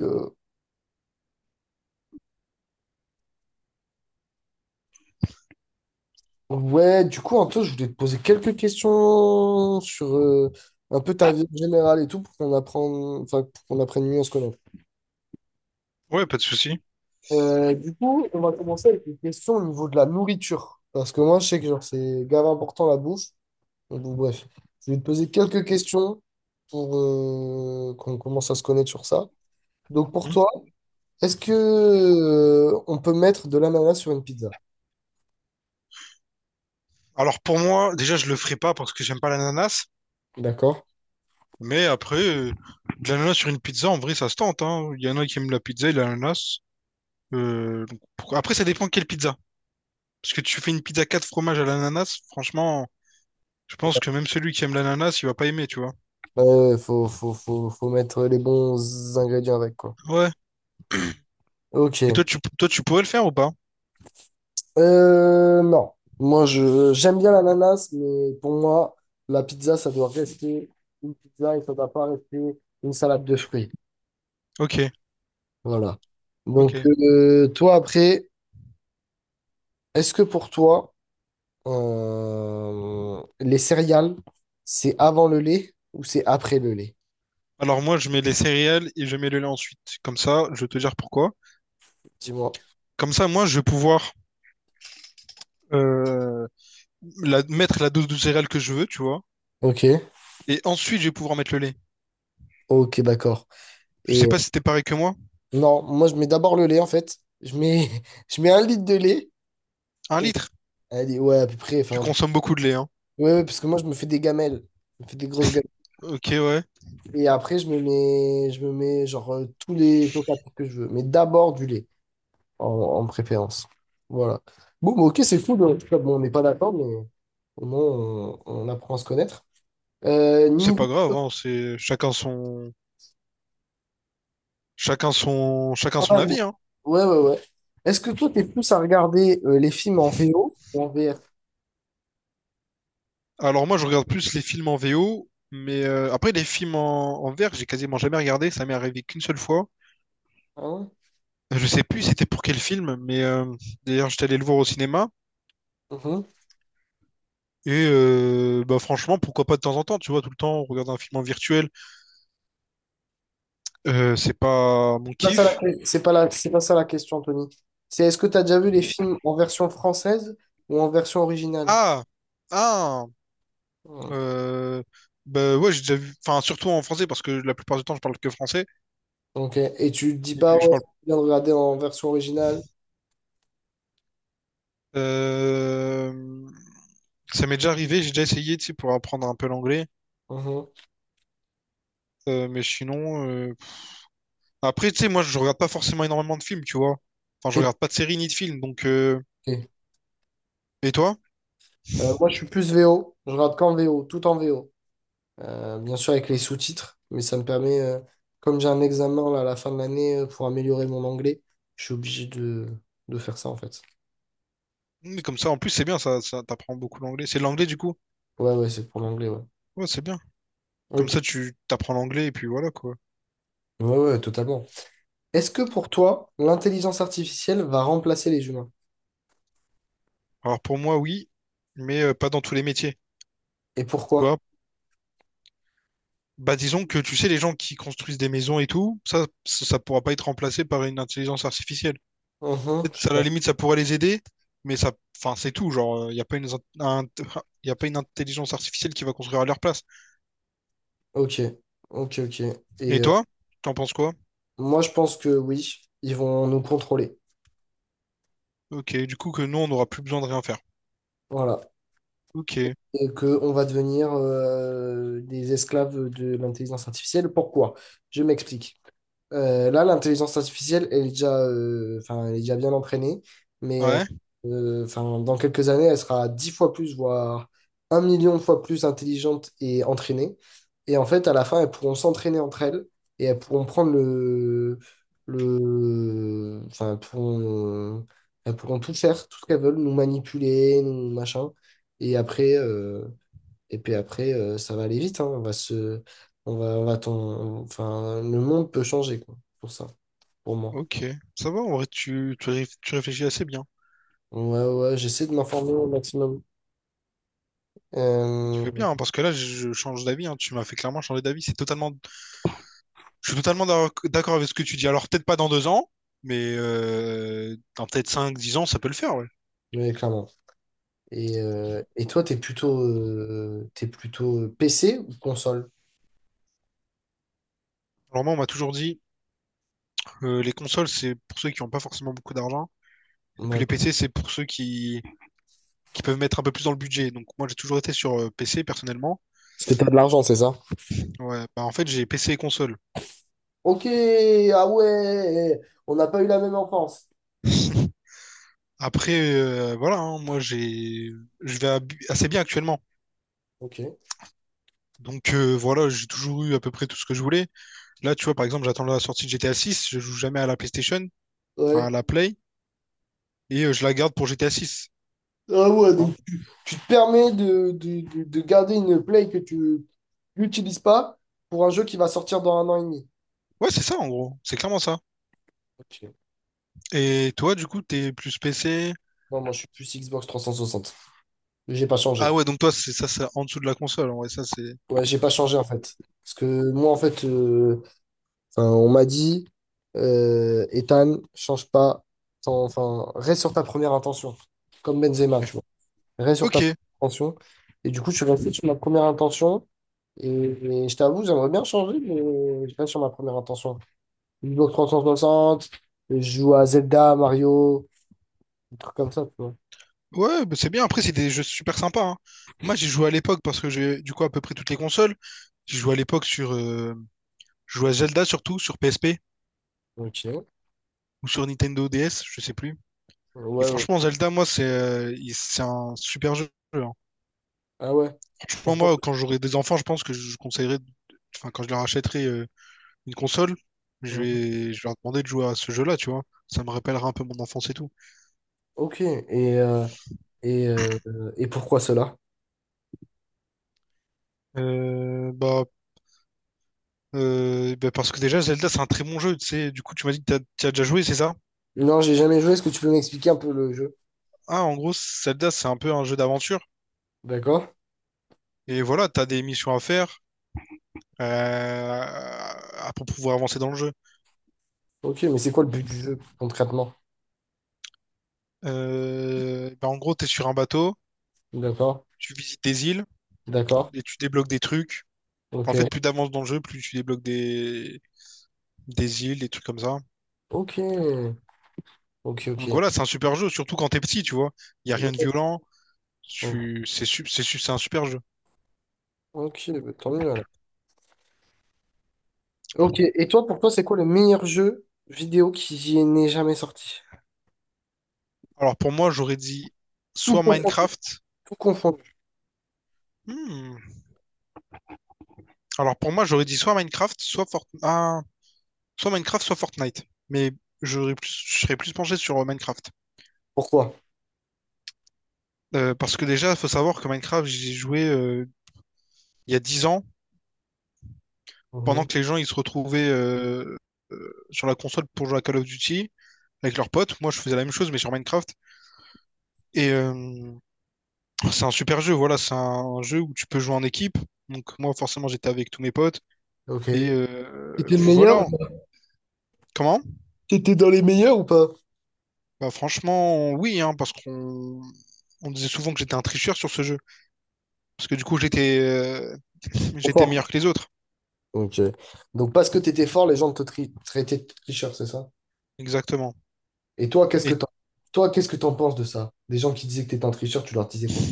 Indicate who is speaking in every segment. Speaker 1: Euh, ouais, du coup, Anto, je voulais te poser quelques questions sur un peu ta vie générale et tout pour qu'on apprenne, enfin, pour qu'on apprenne mieux à se connaître.
Speaker 2: Ouais, pas de souci.
Speaker 1: Du coup, on va commencer avec une question au niveau de la nourriture. Parce que moi, je sais que genre, c'est grave important la bouffe. Donc, bon, bref, je vais te poser quelques questions pour qu'on commence à se connaître sur ça. Donc, pour
Speaker 2: Mhm.
Speaker 1: toi, est-ce que on peut mettre de l'ananas sur une pizza?
Speaker 2: Alors pour moi, déjà, je le ferai pas parce que j'aime pas l'ananas.
Speaker 1: D'accord?
Speaker 2: Mais après, de l'ananas sur une pizza, en vrai, ça se tente, hein. Il y en a qui aiment la pizza et l'ananas. Donc, après, ça dépend quelle pizza. Parce que tu fais une pizza 4 fromages à l'ananas, franchement, je pense que même celui qui aime l'ananas, il va pas aimer, tu vois.
Speaker 1: Faut mettre les bons ingrédients avec, quoi.
Speaker 2: Ouais. Et
Speaker 1: Ok.
Speaker 2: toi, toi, tu pourrais le faire ou pas?
Speaker 1: Non. Moi, je j'aime bien l'ananas, mais pour moi, la pizza, ça doit rester une pizza et ça doit pas rester une salade de fruits.
Speaker 2: Ok,
Speaker 1: Voilà. Donc,
Speaker 2: ok.
Speaker 1: toi, après, est-ce que pour toi, les céréales, c'est avant le lait ou c'est après le lait?
Speaker 2: Alors moi, je mets les céréales et je mets le lait ensuite. Comme ça, je vais te dire pourquoi.
Speaker 1: Dis-moi.
Speaker 2: Comme ça, moi, je vais pouvoir euh, mettre la dose de céréales que je veux, tu vois.
Speaker 1: Ok.
Speaker 2: Et ensuite, je vais pouvoir mettre le lait.
Speaker 1: Ok, d'accord.
Speaker 2: Je sais
Speaker 1: Et
Speaker 2: pas si t'es pareil que moi.
Speaker 1: non, moi, je mets d'abord le lait, en fait. Je mets, je mets un litre de lait.
Speaker 2: Un
Speaker 1: Et,
Speaker 2: litre?
Speaker 1: elle ouais, à peu près.
Speaker 2: Tu
Speaker 1: Enfin,
Speaker 2: consommes beaucoup de lait, hein.
Speaker 1: ouais, ouais, parce que moi, je me fais des gamelles. Je me fais des grosses gamelles.
Speaker 2: Ok, ouais.
Speaker 1: Et après, je me mets genre tous les chocolats que je veux. Mais d'abord du lait, en préférence. Voilà. Bon, bah, ok, c'est cool. En tout cas, bon, on n'est pas d'accord, mais au moins, on apprend à se connaître.
Speaker 2: C'est pas
Speaker 1: Niveau
Speaker 2: grave, hein. C'est chacun son
Speaker 1: travail,
Speaker 2: avis, hein.
Speaker 1: ouais, ouais, ouais. Est-ce que toi, t'es plus à regarder les films en VO ou en VF?
Speaker 2: Alors moi, je regarde plus les films en VO, mais après les films en VF, j'ai quasiment jamais regardé. Ça m'est arrivé qu'une seule fois.
Speaker 1: Hein.
Speaker 2: Je sais plus c'était pour quel film, mais d'ailleurs, j'étais allé le voir au cinéma.
Speaker 1: Mhm.
Speaker 2: Et bah franchement, pourquoi pas de temps en temps, tu vois, tout le temps, regarder un film en virtuel, c'est pas mon kiff.
Speaker 1: C'est pas ça la question, Tony. C'est est-ce que tu as déjà vu les films en version française ou en version originale?
Speaker 2: Ah! Ah! Euh, Bah ouais, j'ai déjà vu. Enfin, surtout en français, parce que la plupart du temps, je parle que français.
Speaker 1: Ok. Et tu te dis
Speaker 2: Et
Speaker 1: pas,
Speaker 2: puis, je
Speaker 1: ouais,
Speaker 2: parle.
Speaker 1: c'est bien de regarder en version originale.
Speaker 2: Euh, Ça m'est déjà arrivé, j'ai déjà essayé, tu sais, pour apprendre un peu l'anglais.
Speaker 1: Mhm.
Speaker 2: Mais sinon. Après, tu sais, moi, je regarde pas forcément énormément de films, tu vois. Enfin, je
Speaker 1: T'es
Speaker 2: regarde pas de séries ni de films. Donc.
Speaker 1: bloqué.
Speaker 2: Et toi?
Speaker 1: Moi, je suis plus VO. Je regarde qu'en VO, tout en VO. Bien sûr, avec les sous-titres, mais ça me permet, comme j'ai un examen là, à la fin de l'année pour améliorer mon anglais, je suis obligé de faire ça en fait.
Speaker 2: Mais comme ça, en plus, c'est bien, ça t'apprend beaucoup l'anglais. C'est de l'anglais, du coup?
Speaker 1: Ouais, ouais, c'est pour l'anglais, ouais.
Speaker 2: Ouais, c'est bien. Comme
Speaker 1: Ok.
Speaker 2: ça, tu t'apprends l'anglais, et puis voilà, quoi.
Speaker 1: Ouais, ouais, totalement. Est-ce que pour toi, l'intelligence artificielle va remplacer les humains?
Speaker 2: Alors, pour moi, oui, mais pas dans tous les métiers.
Speaker 1: Et
Speaker 2: Tu
Speaker 1: pourquoi?
Speaker 2: vois. Bah disons que tu sais, les gens qui construisent des maisons et tout, ça pourra pas être remplacé par une intelligence artificielle.
Speaker 1: Mhm.
Speaker 2: Peut-être,
Speaker 1: Je suis
Speaker 2: ça, à la
Speaker 1: d'accord.
Speaker 2: limite, ça pourrait les aider, mais ça, enfin, c'est tout. Genre, il n'y a pas une, un- y a pas une intelligence artificielle qui va construire à leur place.
Speaker 1: Ok. Ok, ok.
Speaker 2: Et
Speaker 1: Et euh,
Speaker 2: toi, t'en penses quoi?
Speaker 1: Moi, je pense que oui, ils vont nous contrôler.
Speaker 2: Ok, du coup que nous, on n'aura plus besoin de rien faire.
Speaker 1: Voilà.
Speaker 2: Ok,
Speaker 1: Et qu'on va devenir des esclaves de l'intelligence artificielle. Pourquoi? Je m'explique. Là, l'intelligence artificielle, elle est déjà, enfin, elle est déjà bien entraînée, mais euh,
Speaker 2: ouais,
Speaker 1: euh, enfin, dans quelques années, elle sera 10 fois plus, voire 1 million de fois plus intelligente et entraînée. Et en fait, à la fin, elles pourront s'entraîner entre elles et elles pourront prendre enfin, elles pourront tout faire, tout ce qu'elles veulent, nous manipuler, nous machin. Et après, euh, et puis après, ça va aller vite, hein. On va se, on va, enfin, le monde peut changer, quoi, pour ça, pour moi.
Speaker 2: ok. Ça va, en vrai, tu réfléchis assez bien.
Speaker 1: Ouais, ouais, j'essaie de m'informer au maximum,
Speaker 2: Tu fais
Speaker 1: euh,
Speaker 2: bien, hein, parce que là, je change d'avis, hein. Tu m'as fait clairement changer d'avis. C'est totalement Je suis totalement d'accord avec ce que tu dis. Alors, peut-être pas dans 2 ans, mais dans peut-être 5, 10 ans, ça peut le faire, ouais.
Speaker 1: ouais, clairement. Et toi, t'es plutôt PC ou console?
Speaker 2: Alors moi, on m'a toujours dit, les consoles, c'est pour ceux qui n'ont pas forcément beaucoup d'argent. Et puis
Speaker 1: Ouais.
Speaker 2: les PC, c'est pour ceux qui peuvent mettre un peu plus dans le budget. Donc moi, j'ai toujours été sur PC, personnellement.
Speaker 1: Parce que t'as de l'argent, c'est ça?
Speaker 2: Ouais, bah, en fait, j'ai PC et console.
Speaker 1: Ok, ah ouais, on n'a pas eu la même enfance.
Speaker 2: Après, voilà, hein, moi, je vais assez bien actuellement.
Speaker 1: Ok.
Speaker 2: Donc voilà, j'ai toujours eu à peu près tout ce que je voulais. Là, tu vois, par exemple, j'attends la sortie de GTA 6, je joue jamais à la PlayStation, enfin à
Speaker 1: Ouais.
Speaker 2: la Play. Et je la garde pour GTA 6.
Speaker 1: Ah ouais, donc tu te permets de garder une play que tu n'utilises pas pour un jeu qui va sortir dans 1 an et demi.
Speaker 2: Ouais, c'est ça en gros, c'est clairement ça.
Speaker 1: Ok.
Speaker 2: Et toi, du coup, t'es plus PC.
Speaker 1: Non, moi, je suis plus Xbox 360. J'ai pas
Speaker 2: Ah
Speaker 1: changé.
Speaker 2: ouais, donc toi, c'est ça, c'est en dessous de la console. Ouais, ça, c'est.
Speaker 1: Ouais, j'ai pas
Speaker 2: Ok.
Speaker 1: changé, en fait. Parce que moi, en fait, enfin, on m'a dit, Ethan, change pas. Enfin, reste sur ta première intention. Comme Benzema,
Speaker 2: Ok.
Speaker 1: tu vois. Reste sur
Speaker 2: Ok.
Speaker 1: ta première intention. Et du coup, je suis resté sur ma première intention. Et je t'avoue, j'aimerais bien changer, mais je reste sur ma première intention. Xbox 360, je joue à Zelda, Mario, des trucs comme ça, tu vois.
Speaker 2: Ouais, bah, c'est bien. Après, c'est des jeux super sympas, hein. Moi, j'ai joué à l'époque parce que j'ai, du coup, à peu près toutes les consoles. J'ai joué à l'époque sur. Je jouais à Zelda surtout, sur PSP
Speaker 1: Ok.
Speaker 2: ou sur Nintendo DS, je sais plus. Et
Speaker 1: Ouais, ouais.
Speaker 2: franchement, Zelda, moi, c'est un super jeu, hein.
Speaker 1: Ah ouais.
Speaker 2: Franchement, moi, quand j'aurai des enfants, je pense que je conseillerais. Enfin, quand je leur achèterai une console,
Speaker 1: Mhm.
Speaker 2: je vais leur demander de jouer à ce jeu-là, tu vois. Ça me rappellera un peu mon enfance et tout.
Speaker 1: Ok. Et, euh, et pourquoi cela?
Speaker 2: Euh, bah, Bah parce que déjà, Zelda, c'est un très bon jeu, tu sais. Du coup, tu m'as dit que t'y as déjà joué, c'est ça?
Speaker 1: Non, j'ai jamais joué. Est-ce que tu peux m'expliquer un peu le jeu?
Speaker 2: Ah, en gros, Zelda, c'est un peu un jeu d'aventure.
Speaker 1: D'accord.
Speaker 2: Et voilà, t'as des missions à faire pour pouvoir avancer dans le jeu.
Speaker 1: Ok, mais c'est quoi le but du jeu concrètement?
Speaker 2: Bah, en gros, t'es sur un bateau,
Speaker 1: D'accord.
Speaker 2: tu visites des îles
Speaker 1: D'accord.
Speaker 2: et tu débloques des trucs. En
Speaker 1: Ok.
Speaker 2: fait, plus t'avances dans le jeu, plus tu débloques des îles, des trucs comme ça.
Speaker 1: Ok. Ok,
Speaker 2: Donc
Speaker 1: ok.
Speaker 2: voilà, c'est un super jeu, surtout quand t'es petit, tu vois. Il n'y a rien de violent.
Speaker 1: Mhm.
Speaker 2: Tu... C'est su- c'est su- C'est un super jeu.
Speaker 1: Ok, bah, tant mieux alors. Ok, et toi, pour toi, c'est quoi le meilleur jeu vidéo qui n'est jamais sorti?
Speaker 2: Alors pour moi, j'aurais dit
Speaker 1: Tout
Speaker 2: soit
Speaker 1: confondu.
Speaker 2: Minecraft.
Speaker 1: Tout confondu.
Speaker 2: Hmm. Alors pour moi, j'aurais dit soit Minecraft, soit Fortnite. Mais je serais plus penché sur Minecraft.
Speaker 1: Pourquoi?
Speaker 2: Parce que déjà, il faut savoir que Minecraft, j'y ai joué il y a 10 ans, pendant que les gens ils se retrouvaient sur la console pour jouer à Call of Duty avec leurs potes. Moi, je faisais la même chose, mais sur Minecraft. Et c'est un super jeu, voilà, c'est un jeu où tu peux jouer en équipe. Donc moi forcément j'étais avec tous mes potes.
Speaker 1: Ok.
Speaker 2: Et
Speaker 1: T'étais le
Speaker 2: puis
Speaker 1: meilleur?
Speaker 2: voilà. Comment?
Speaker 1: T'étais dans les meilleurs ou pas?
Speaker 2: Bah franchement, oui, hein, parce qu'on on disait souvent que j'étais un tricheur sur ce jeu. Parce que du coup j'étais
Speaker 1: Trop
Speaker 2: j'étais
Speaker 1: fort.
Speaker 2: meilleur que les autres.
Speaker 1: Ok. Donc parce que t'étais fort, les gens traitaient de tricheur, c'est ça?
Speaker 2: Exactement.
Speaker 1: Et toi, qu'est-ce que
Speaker 2: Et,
Speaker 1: t'en Toi, qu'est-ce que t'en penses de ça? Des gens qui disaient que t'étais un tricheur, tu leur disais quoi?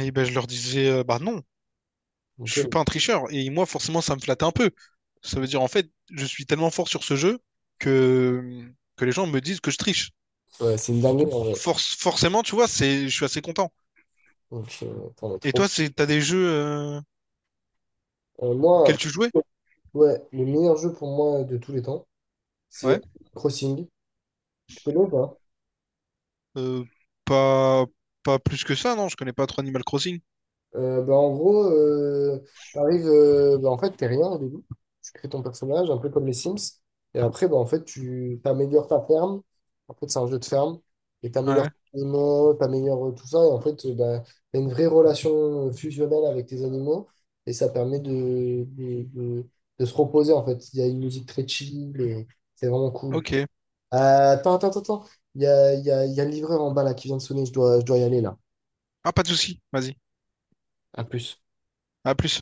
Speaker 2: et ben, je leur disais, bah non,
Speaker 1: Ok,
Speaker 2: je suis pas un tricheur. Et moi forcément ça me flattait un peu. Ça veut dire en fait, je suis tellement fort sur ce jeu que, que les gens me disent que je triche.
Speaker 1: ouais, c'est une dinguerie en
Speaker 2: Donc
Speaker 1: vrai.
Speaker 2: forcément, tu vois, je suis assez content.
Speaker 1: Donc, t'en as
Speaker 2: Et
Speaker 1: trop.
Speaker 2: toi, c'est t'as des jeux auxquels
Speaker 1: Moi,
Speaker 2: tu jouais?
Speaker 1: ouais, le meilleur jeu pour moi de tous les temps,
Speaker 2: Ouais,
Speaker 1: c'est Crossing. Tu connais ou pas?
Speaker 2: Euh, pas pas plus que ça, non? Je connais pas trop Animal Crossing.
Speaker 1: Bah, en gros, t'arrives, bah, en fait, t'es rien au début. Tu crées ton personnage, un peu comme les Sims. Et après, bah, en fait, tu t'améliores ta ferme. En fait, c'est un jeu de ferme. Et t'améliores
Speaker 2: Ouais.
Speaker 1: tes animaux, t'améliores tout ça. Et en fait, bah, t'as une vraie relation fusionnelle avec tes animaux. Et ça permet de se reposer, en fait. Il y a une musique très chill et c'est vraiment cool.
Speaker 2: Ok.
Speaker 1: Euh, attends. Il y a le livreur en bas là qui vient de sonner. Je dois y aller là.
Speaker 2: Ah, pas de souci. Vas-y.
Speaker 1: À plus.
Speaker 2: À plus.